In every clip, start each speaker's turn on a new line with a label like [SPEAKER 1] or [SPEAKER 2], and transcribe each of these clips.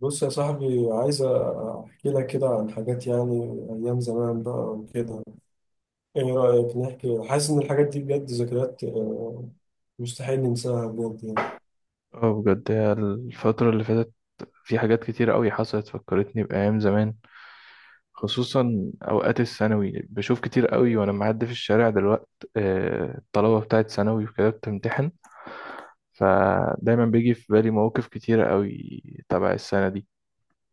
[SPEAKER 1] بص يا صاحبي، عايز احكي لك كده عن حاجات يعني ايام زمان بقى وكده. ايه رايك نحكي؟ حاسس ان الحاجات دي بجد ذكريات، مستحيل ننساها بجد يعني.
[SPEAKER 2] اه بجد، هي الفترة اللي فاتت في حاجات كتير قوي حصلت فكرتني بأيام زمان، خصوصا أوقات الثانوي. بشوف كتير قوي وأنا معدي في الشارع دلوقت الطلبة بتاعت ثانوي وكده بتمتحن، فدايما بيجي في بالي مواقف كتيرة قوي تبع السنة دي.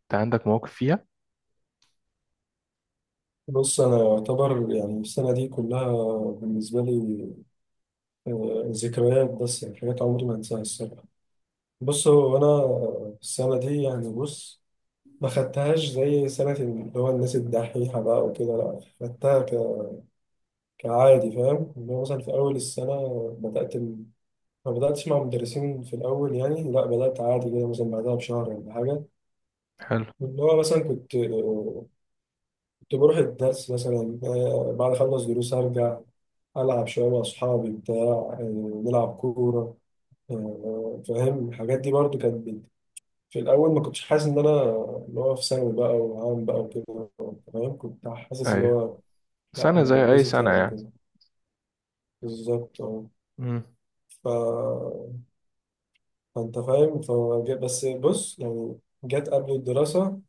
[SPEAKER 2] أنت عندك مواقف فيها؟
[SPEAKER 1] بص انا يعتبر يعني السنه دي كلها بالنسبه لي، ذكريات، بس يعني حاجات عمري ما انساها الصراحه. بص، هو انا السنه دي يعني، بص، ما خدتهاش زي سنه اللي هو الناس الدحيحه بقى وكده، لا خدتها كعادي. فاهم؟ اللي هو مثلا في اول السنه بدات ما بدأتش مع مدرسين في الأول يعني، لا بدأت عادي كده مثلا بعدها بشهر ولا حاجة.
[SPEAKER 2] حلو.
[SPEAKER 1] اللي هو مثلا كنت، بروح الدرس مثلا، بعد أخلص دروس أرجع ألعب شوية مع أصحابي بتاع، نلعب كورة، فاهم؟ الحاجات دي برضو كانت في الأول ما كنتش حاسس إن أنا اللي هو في ثانوي بقى وعام بقى وكده. فاهم؟ كنت حاسس اللي
[SPEAKER 2] أيوة،
[SPEAKER 1] هو لا
[SPEAKER 2] سنة
[SPEAKER 1] أنا
[SPEAKER 2] زي أي
[SPEAKER 1] بتبسط
[SPEAKER 2] سنة
[SPEAKER 1] يعني
[SPEAKER 2] يعني.
[SPEAKER 1] كده، بالظبط أه.
[SPEAKER 2] مم.
[SPEAKER 1] ف... فأنت فاهم، بس بص يعني، جت قبل الدراسة،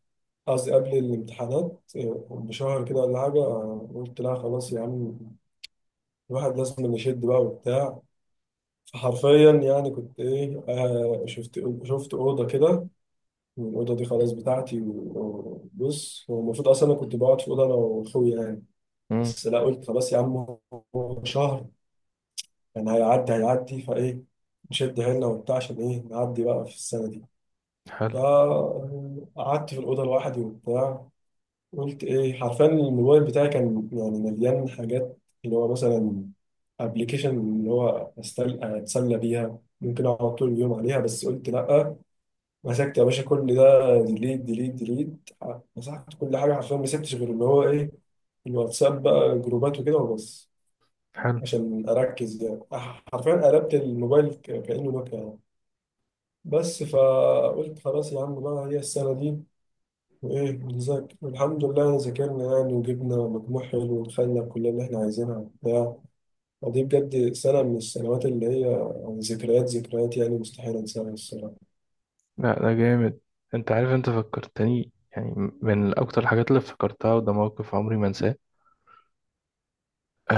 [SPEAKER 1] قصدي قبل الامتحانات، بشهر كده ولا حاجة، قلت لا، خلاص يا عم، الواحد لازم نشد بقى وبتاع. فحرفيا يعني كنت ايه، شفت اوضه كده، والاوضه دي خلاص بتاعتي. وبص، هو المفروض اصلا انا كنت بقعد في اوضه انا واخويا يعني،
[SPEAKER 2] مم.
[SPEAKER 1] بس لا، قلت خلاص يا عم، هو شهر يعني، هيعدي هيعدي فايه، نشد حيلنا وبتاع عشان ايه نعدي بقى في السنه دي.
[SPEAKER 2] حلو.
[SPEAKER 1] فقعدت في الاوضه لوحدي وبتاع. قلت ايه، حرفيا الموبايل بتاعي كان يعني مليان حاجات، اللي هو مثلا ابلكيشن اللي هو اتسلى بيها، ممكن اقعد طول اليوم عليها، بس قلت لا. مسكت يا باشا كل ده، ديليت ديليت ديليت، مسحت كل حاجه حرفيا، ما سبتش غير اللي هو ايه، الواتساب بقى، جروبات وكده وبس،
[SPEAKER 2] حلو.
[SPEAKER 1] عشان اركز يعني. حرفيا قلبت الموبايل كانه نوكيا يعني. بس، فقلت خلاص يا عم بقى، هي السنه دي ايه بالظبط؟ الحمد لله إن ذاكرنا يعني وجبنا مجموع حلو ودخلنا الكلية اللي احنا عايزينها وبتاع. ودي بجد سنة من السنوات اللي هي يعني ذكريات ذكريات، يعني مستحيل انساها الصراحة.
[SPEAKER 2] لا ده جامد. أنت عارف، أنت فكرتني يعني من أكتر الحاجات اللي افتكرتها، وده موقف عمري ما أنساه.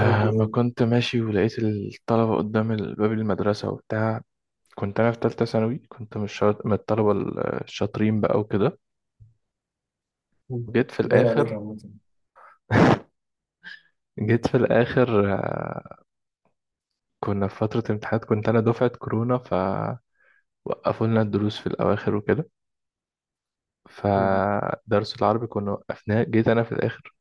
[SPEAKER 1] قول لي
[SPEAKER 2] ما
[SPEAKER 1] ايه.
[SPEAKER 2] كنت ماشي ولقيت الطلبة قدام باب المدرسة وبتاع. كنت أنا في تالتة ثانوي، كنت من من الطلبة الشاطرين بقى وكده،
[SPEAKER 1] مم.
[SPEAKER 2] وجيت في
[SPEAKER 1] باين عليك
[SPEAKER 2] الآخر.
[SPEAKER 1] عامة.
[SPEAKER 2] جيت في الآخر. كنا في فترة امتحانات، كنت أنا دفعة كورونا فوقفوا لنا الدروس في الأواخر وكده.
[SPEAKER 1] مم.
[SPEAKER 2] فدرس العربي كنا وقفناه، جيت أنا في الآخر.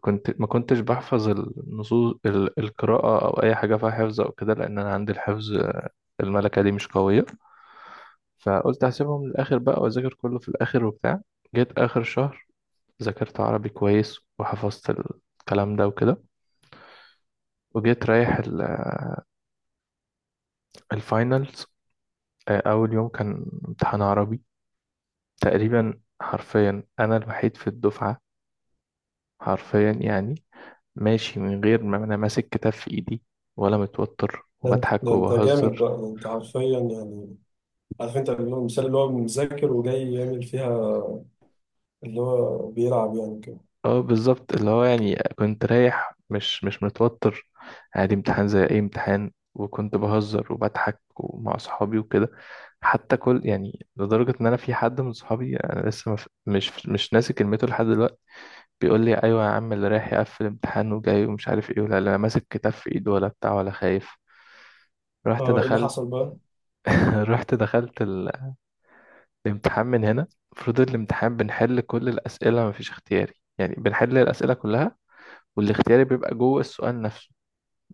[SPEAKER 2] كنت ما كنتش بحفظ النصوص القراءة أو أي حاجة فيها حفظ أو كده، لأن أنا عندي الحفظ، الملكة دي مش قوية. فقلت هسيبهم للآخر بقى وأذاكر كله في الآخر وبتاع. جيت آخر شهر، ذاكرت عربي كويس وحفظت الكلام ده وكده، وجيت رايح الفاينلز. أول يوم كان امتحان عربي. تقريبا حرفيا أنا الوحيد في الدفعة، حرفيا يعني، ماشي من غير ما أنا ماسك كتاب في إيدي، ولا متوتر،
[SPEAKER 1] ده انت،
[SPEAKER 2] وبضحك
[SPEAKER 1] جامد
[SPEAKER 2] وبهزر.
[SPEAKER 1] بقى، ده انت حرفيا يعني، عارف انت اللي هو المثال اللي هو مذاكر وجاي يعمل فيها اللي هو بيلعب يعني كده.
[SPEAKER 2] اه بالظبط، اللي هو يعني كنت رايح مش متوتر، عادي، امتحان زي اي امتحان، وكنت بهزر وبضحك ومع اصحابي وكده. حتى كل يعني، لدرجة ان انا في حد من صحابي انا لسه مف... مش مش ناسي كلمته لحد دلوقتي، بيقول لي: ايوه يا عم، اللي رايح يقفل امتحان وجاي، ومش عارف ايه، ولا لا ماسك كتاب في ايده ولا بتاع ولا خايف. رحت
[SPEAKER 1] اه، ايه اللي
[SPEAKER 2] دخلت.
[SPEAKER 1] حصل بقى؟
[SPEAKER 2] رحت دخلت الامتحان من هنا. المفروض الامتحان بنحل كل الاسئلة، مفيش اختياري، يعني بنحل الاسئلة كلها، والاختياري بيبقى جوه السؤال نفسه.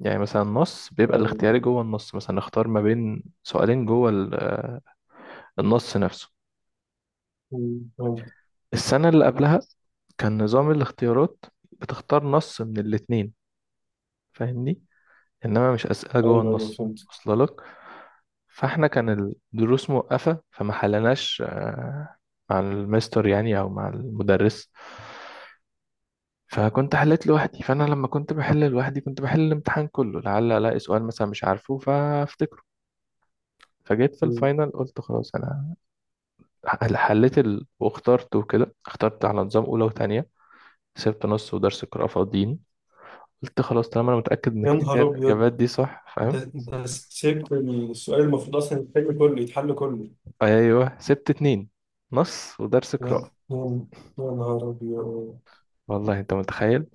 [SPEAKER 2] يعني مثلا النص بيبقى
[SPEAKER 1] ايوه.
[SPEAKER 2] الاختياري جوه النص، مثلا اختار ما بين سؤالين جوه النص نفسه.
[SPEAKER 1] مم. فهمت.
[SPEAKER 2] السنة اللي قبلها كان نظام الاختيارات بتختار نص من الاتنين، فاهمني، انما مش أسئلة جوه
[SPEAKER 1] ايوه ايوه،
[SPEAKER 2] النص
[SPEAKER 1] فهمت.
[SPEAKER 2] واصله لك. فاحنا كان الدروس موقفة، فما حلناش مع المستر يعني او مع المدرس. فكنت حليت لوحدي، فانا لما كنت بحل لوحدي كنت بحل الامتحان كله، لعل الاقي سؤال مثلا مش عارفه فافتكره. فجيت في
[SPEAKER 1] مم.
[SPEAKER 2] الفاينل قلت خلاص انا حليت واخترت وكده، اخترت على نظام اولى وتانية، سبت نص ودرس قراءة فاضيين. قلت خلاص، طالما انا متأكد ان
[SPEAKER 1] يا
[SPEAKER 2] كده كده
[SPEAKER 1] نهار ابيض،
[SPEAKER 2] الاجابات دي صح، فاهم؟
[SPEAKER 1] ده سبت السؤال المفروض اصلا يتحل كله، يتحل كله.
[SPEAKER 2] ايوه، سبت اتنين، نص ودرس
[SPEAKER 1] يا
[SPEAKER 2] قراءة.
[SPEAKER 1] يا- يا نهار ابيض.
[SPEAKER 2] والله انت متخيل.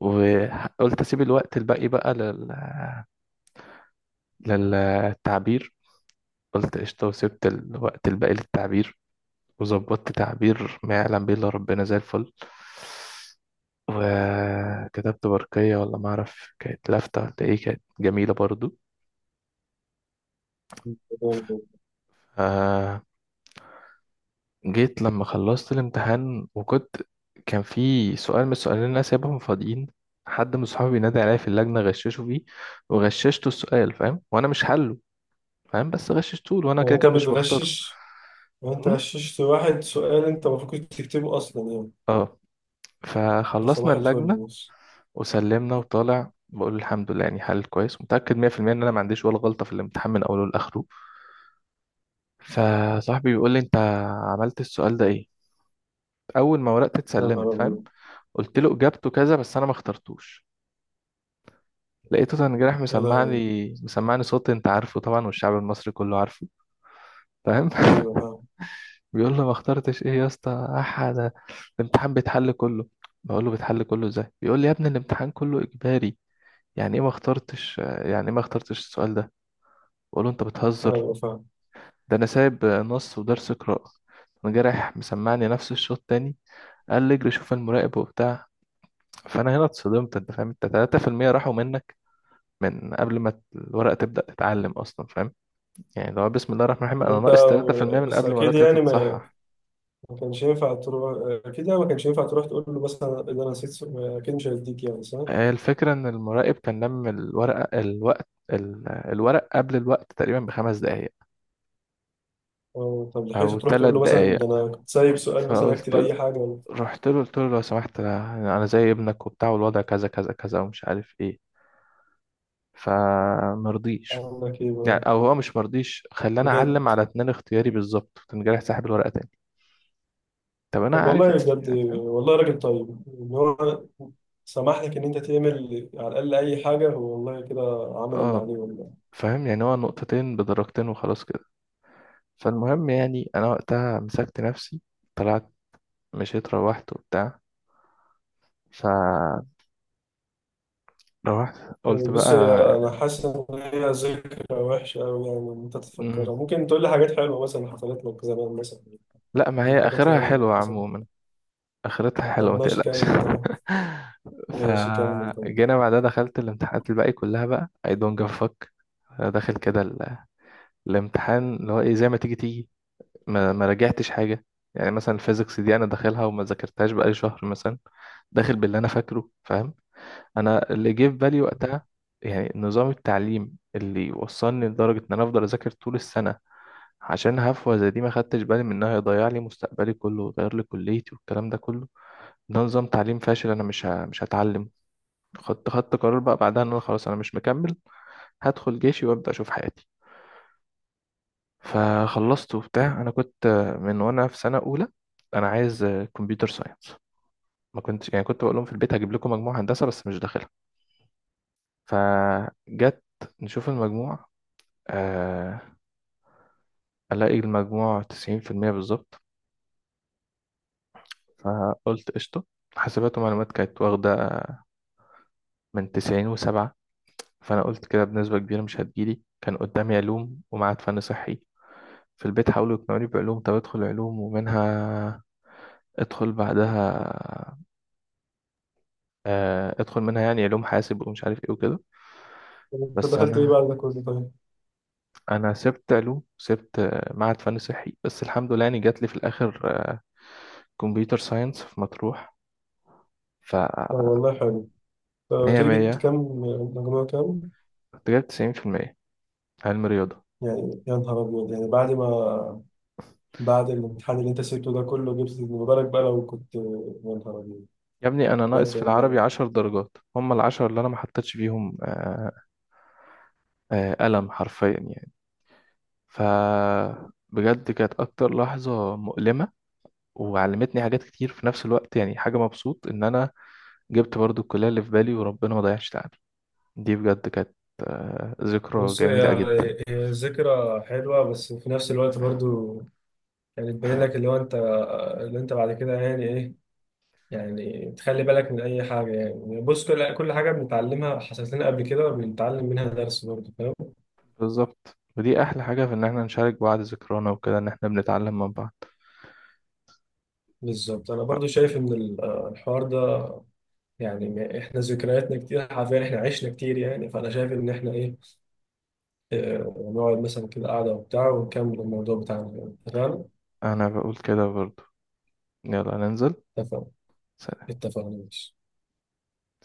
[SPEAKER 2] وقلت اسيب الوقت الباقي بقى للتعبير. قلت قشطة، وسبت الوقت الباقي للتعبير. وظبطت تعبير ما يعلم به إلا ربنا زي الفل، وكتبت برقية ولا ما أعرف كانت لافتة، ولا إيه، كانت جميلة برضو. آه جيت لما خلصت الامتحان، وكنت، كان في سؤال من السؤالين اللي أنا سايبهم فاضيين، حد من صحابي نادى عليا في اللجنة غششه فيه، وغششته السؤال، فاهم، وأنا مش حله، فاهم، بس غششته له وأنا
[SPEAKER 1] هو
[SPEAKER 2] كده
[SPEAKER 1] انت
[SPEAKER 2] كده مش مختاره.
[SPEAKER 1] بتغشش؟ هو انت
[SPEAKER 2] م?
[SPEAKER 1] غششت واحد سؤال انت المفروض كنت تكتبه اصلا يعني؟
[SPEAKER 2] اه.
[SPEAKER 1] ده
[SPEAKER 2] فخلصنا
[SPEAKER 1] صباح الفل
[SPEAKER 2] اللجنة
[SPEAKER 1] بص.
[SPEAKER 2] وسلمنا، وطالع بقول الحمد لله، يعني حل كويس، متأكد 100% ان انا ما عنديش ولا غلطة في الامتحان من اوله لاخره. فصاحبي بيقول لي: انت عملت السؤال ده ايه؟ اول ما ورقت
[SPEAKER 1] يا نهار
[SPEAKER 2] اتسلمت، فاهم.
[SPEAKER 1] ابيض.
[SPEAKER 2] قلت له: اجابته كذا، بس انا ما اخترتوش. لقيته تنجرح،
[SPEAKER 1] يا لهوي.
[SPEAKER 2] مسمعني صوت انت عارفه طبعا، والشعب المصري كله عارفه، فاهم.
[SPEAKER 1] ايوه فاهم.
[SPEAKER 2] بيقول له: ما اخترتش ايه يا اسطى؟ احد الامتحان بيتحل كله. بقول له: بيتحل كله ازاي؟ بيقول لي: يا ابني، الامتحان كله اجباري، يعني ايه ما اخترتش، يعني ايه ما اخترتش السؤال ده؟ بقول له: انت بتهزر،
[SPEAKER 1] ايوه فاهم.
[SPEAKER 2] ده انا سايب نص ودرس قراءة. انا جارح، مسمعني نفس الشوط تاني. قال لي: اجري شوف المراقب وبتاع. فانا هنا اتصدمت، انت فاهم، انت 3% راحوا منك من قبل ما الورقة تبدأ تتعلم اصلا، فاهم، يعني لو بسم الله الرحمن الرحيم
[SPEAKER 1] طب
[SPEAKER 2] انا
[SPEAKER 1] انت،
[SPEAKER 2] ناقص 3% من
[SPEAKER 1] بس
[SPEAKER 2] قبل ما
[SPEAKER 1] اكيد
[SPEAKER 2] ورقتي
[SPEAKER 1] يعني
[SPEAKER 2] تتصحح.
[SPEAKER 1] ما كانش ينفع تروح، اكيد يعني ما كانش ينفع تروح تقول له مثلا ده انا نسيت سؤال. اكيد مش هيديك يعني، صح؟
[SPEAKER 2] الفكرة ان المراقب كان لم الورقة، الوقت، الورق قبل الوقت تقريبا بخمس دقايق
[SPEAKER 1] أو طب
[SPEAKER 2] او
[SPEAKER 1] لحقت تروح
[SPEAKER 2] ثلاث
[SPEAKER 1] تقول له مثلا
[SPEAKER 2] دقايق.
[SPEAKER 1] ده انا كنت سايب سؤال مثلا
[SPEAKER 2] فقلت
[SPEAKER 1] اكتب
[SPEAKER 2] له
[SPEAKER 1] اي حاجه؟
[SPEAKER 2] رحت له قلت له: لو سمحت، أنا زي ابنك وبتاع، والوضع كذا كذا كذا، ومش عارف ايه. فمرضيش،
[SPEAKER 1] أقول لك إيه
[SPEAKER 2] يعني
[SPEAKER 1] بقى؟
[SPEAKER 2] او هو مش مرضيش، خلاني
[SPEAKER 1] بجد؟
[SPEAKER 2] اعلم على اتنين اختياري بالظبط، كان جارح ساحب الورقه تاني. طب انا
[SPEAKER 1] طب
[SPEAKER 2] عارف
[SPEAKER 1] والله بجد،
[SPEAKER 2] يعني، فاهم،
[SPEAKER 1] والله راجل طيب إن هو سمح لك إن أنت تعمل على الأقل أي حاجة. هو والله كده عمل اللي
[SPEAKER 2] اه،
[SPEAKER 1] عليه والله.
[SPEAKER 2] فاهم يعني، هو نقطتين بدرجتين وخلاص كده. فالمهم يعني، انا وقتها مسكت نفسي، طلعت، مشيت، روحت وبتاع. فروحت قلت بقى.
[SPEAKER 1] بص، هي أنا حاسس إن هي ذكرى وحشة أوي يعني إن أنت
[SPEAKER 2] مم.
[SPEAKER 1] تفكرها. ممكن تقول لي حاجات حلوة مثلا حصلت لك زمان مثلا،
[SPEAKER 2] لا، ما
[SPEAKER 1] من
[SPEAKER 2] هي
[SPEAKER 1] الحاجات يعني
[SPEAKER 2] اخرها
[SPEAKER 1] اللي
[SPEAKER 2] حلوه
[SPEAKER 1] حصلت؟
[SPEAKER 2] عموما، اخرتها حلوه،
[SPEAKER 1] طب
[SPEAKER 2] ما
[SPEAKER 1] ماشي
[SPEAKER 2] تقلقش.
[SPEAKER 1] كمل طيب. ماشي كمل طيب.
[SPEAKER 2] فجينا بعدها، دخلت الامتحانات الباقي كلها بقى I don't give a fuck، داخل كده الامتحان، اللي هو ايه، زي ما تيجي تيجي، ما راجعتش حاجه. يعني مثلا الفيزيكس دي انا داخلها وما ذاكرتهاش بقالي شهر مثلا، داخل باللي انا فاكره، فاهم. انا اللي جه في بالي وقتها، يعني نظام التعليم اللي وصلني لدرجه ان انا افضل اذاكر طول السنه، عشان هفوه زي دي ما خدتش بالي منها، هيضيع لي مستقبلي كله ويغير لي كليتي والكلام ده كله. ده نظام تعليم فاشل، انا مش هتعلم. خدت قرار بقى بعدها ان انا خلاص انا مش مكمل، هدخل جيشي وابدا اشوف حياتي. فخلصت وبتاع، انا كنت من وانا في سنه اولى انا عايز كمبيوتر ساينس. ما كنت يعني كنت بقول لهم في البيت: هجيب لكم مجموعه هندسه، بس مش داخلها. فجت، نشوف المجموع، آه الاقي المجموع 90% بالظبط. فقلت قشطه، حاسبات ومعلومات كانت واخده من 97، فانا قلت كده بنسبه كبيره مش هتجيلي. كان قدامي علوم ومعاد، فن صحي. في البيت حاولوا يقنعوني بعلوم، طب ادخل علوم ومنها ادخل بعدها، ادخل منها يعني علوم حاسب ومش عارف ايه وكده.
[SPEAKER 1] طب أنت
[SPEAKER 2] بس
[SPEAKER 1] دخلت إيه
[SPEAKER 2] انا
[SPEAKER 1] بعد ده كله طيب؟
[SPEAKER 2] انا سبت علوم، سبت معهد فن صحي، بس الحمد لله يعني جات لي في الاخر كمبيوتر ساينس في مطروح. ف
[SPEAKER 1] طب والله حلو. طب قلت
[SPEAKER 2] 100
[SPEAKER 1] لي جبت
[SPEAKER 2] 100،
[SPEAKER 1] كام؟ مجموع كام؟
[SPEAKER 2] كنت جايب 90%، علم رياضة.
[SPEAKER 1] يعني يا نهار أبيض يعني، بعد ما بعد الامتحان اللي انت سبته ده كله، جبت. ما بالك بقى لو كنت، يا نهار أبيض.
[SPEAKER 2] يا ابني انا ناقص
[SPEAKER 1] بجد
[SPEAKER 2] في العربي
[SPEAKER 1] والله.
[SPEAKER 2] 10 درجات، هم العشرة اللي انا ما حطيتش فيهم، قلم حرفيا يعني. ف بجد كانت اكتر لحظة مؤلمة، وعلمتني حاجات كتير في نفس الوقت. يعني حاجة، مبسوط ان انا جبت برضو الكلية اللي في بالي، وربنا ما ضيعش تعبي. دي بجد كانت ذكرى
[SPEAKER 1] بص، هي
[SPEAKER 2] جميلة جدا.
[SPEAKER 1] ذكرى حلوة بس في نفس الوقت برضو، يعني تبين لك اللي هو انت، اللي انت بعد كده يعني ايه، يعني تخلي بالك من اي حاجة يعني. بص كل حاجة بنتعلمها حصلت لنا قبل كده بنتعلم منها درس برضو، فاهم؟
[SPEAKER 2] بالظبط، ودي أحلى حاجة، في إن إحنا نشارك بعض ذكرانا وكده، إن إحنا بنتعلم من بعض.
[SPEAKER 1] بالظبط. انا برضو شايف ان الحوار ده يعني، احنا ذكرياتنا كتير حرفيا، احنا عشنا كتير يعني، فانا شايف ان احنا ايه، نقعد مثلا كده قعدة وبتاع ونكمل الموضوع بتاعنا، اتفقنا؟
[SPEAKER 2] أنا بقول كده برضو، يلا ننزل.
[SPEAKER 1] اتفقنا اتفقنا ماشي.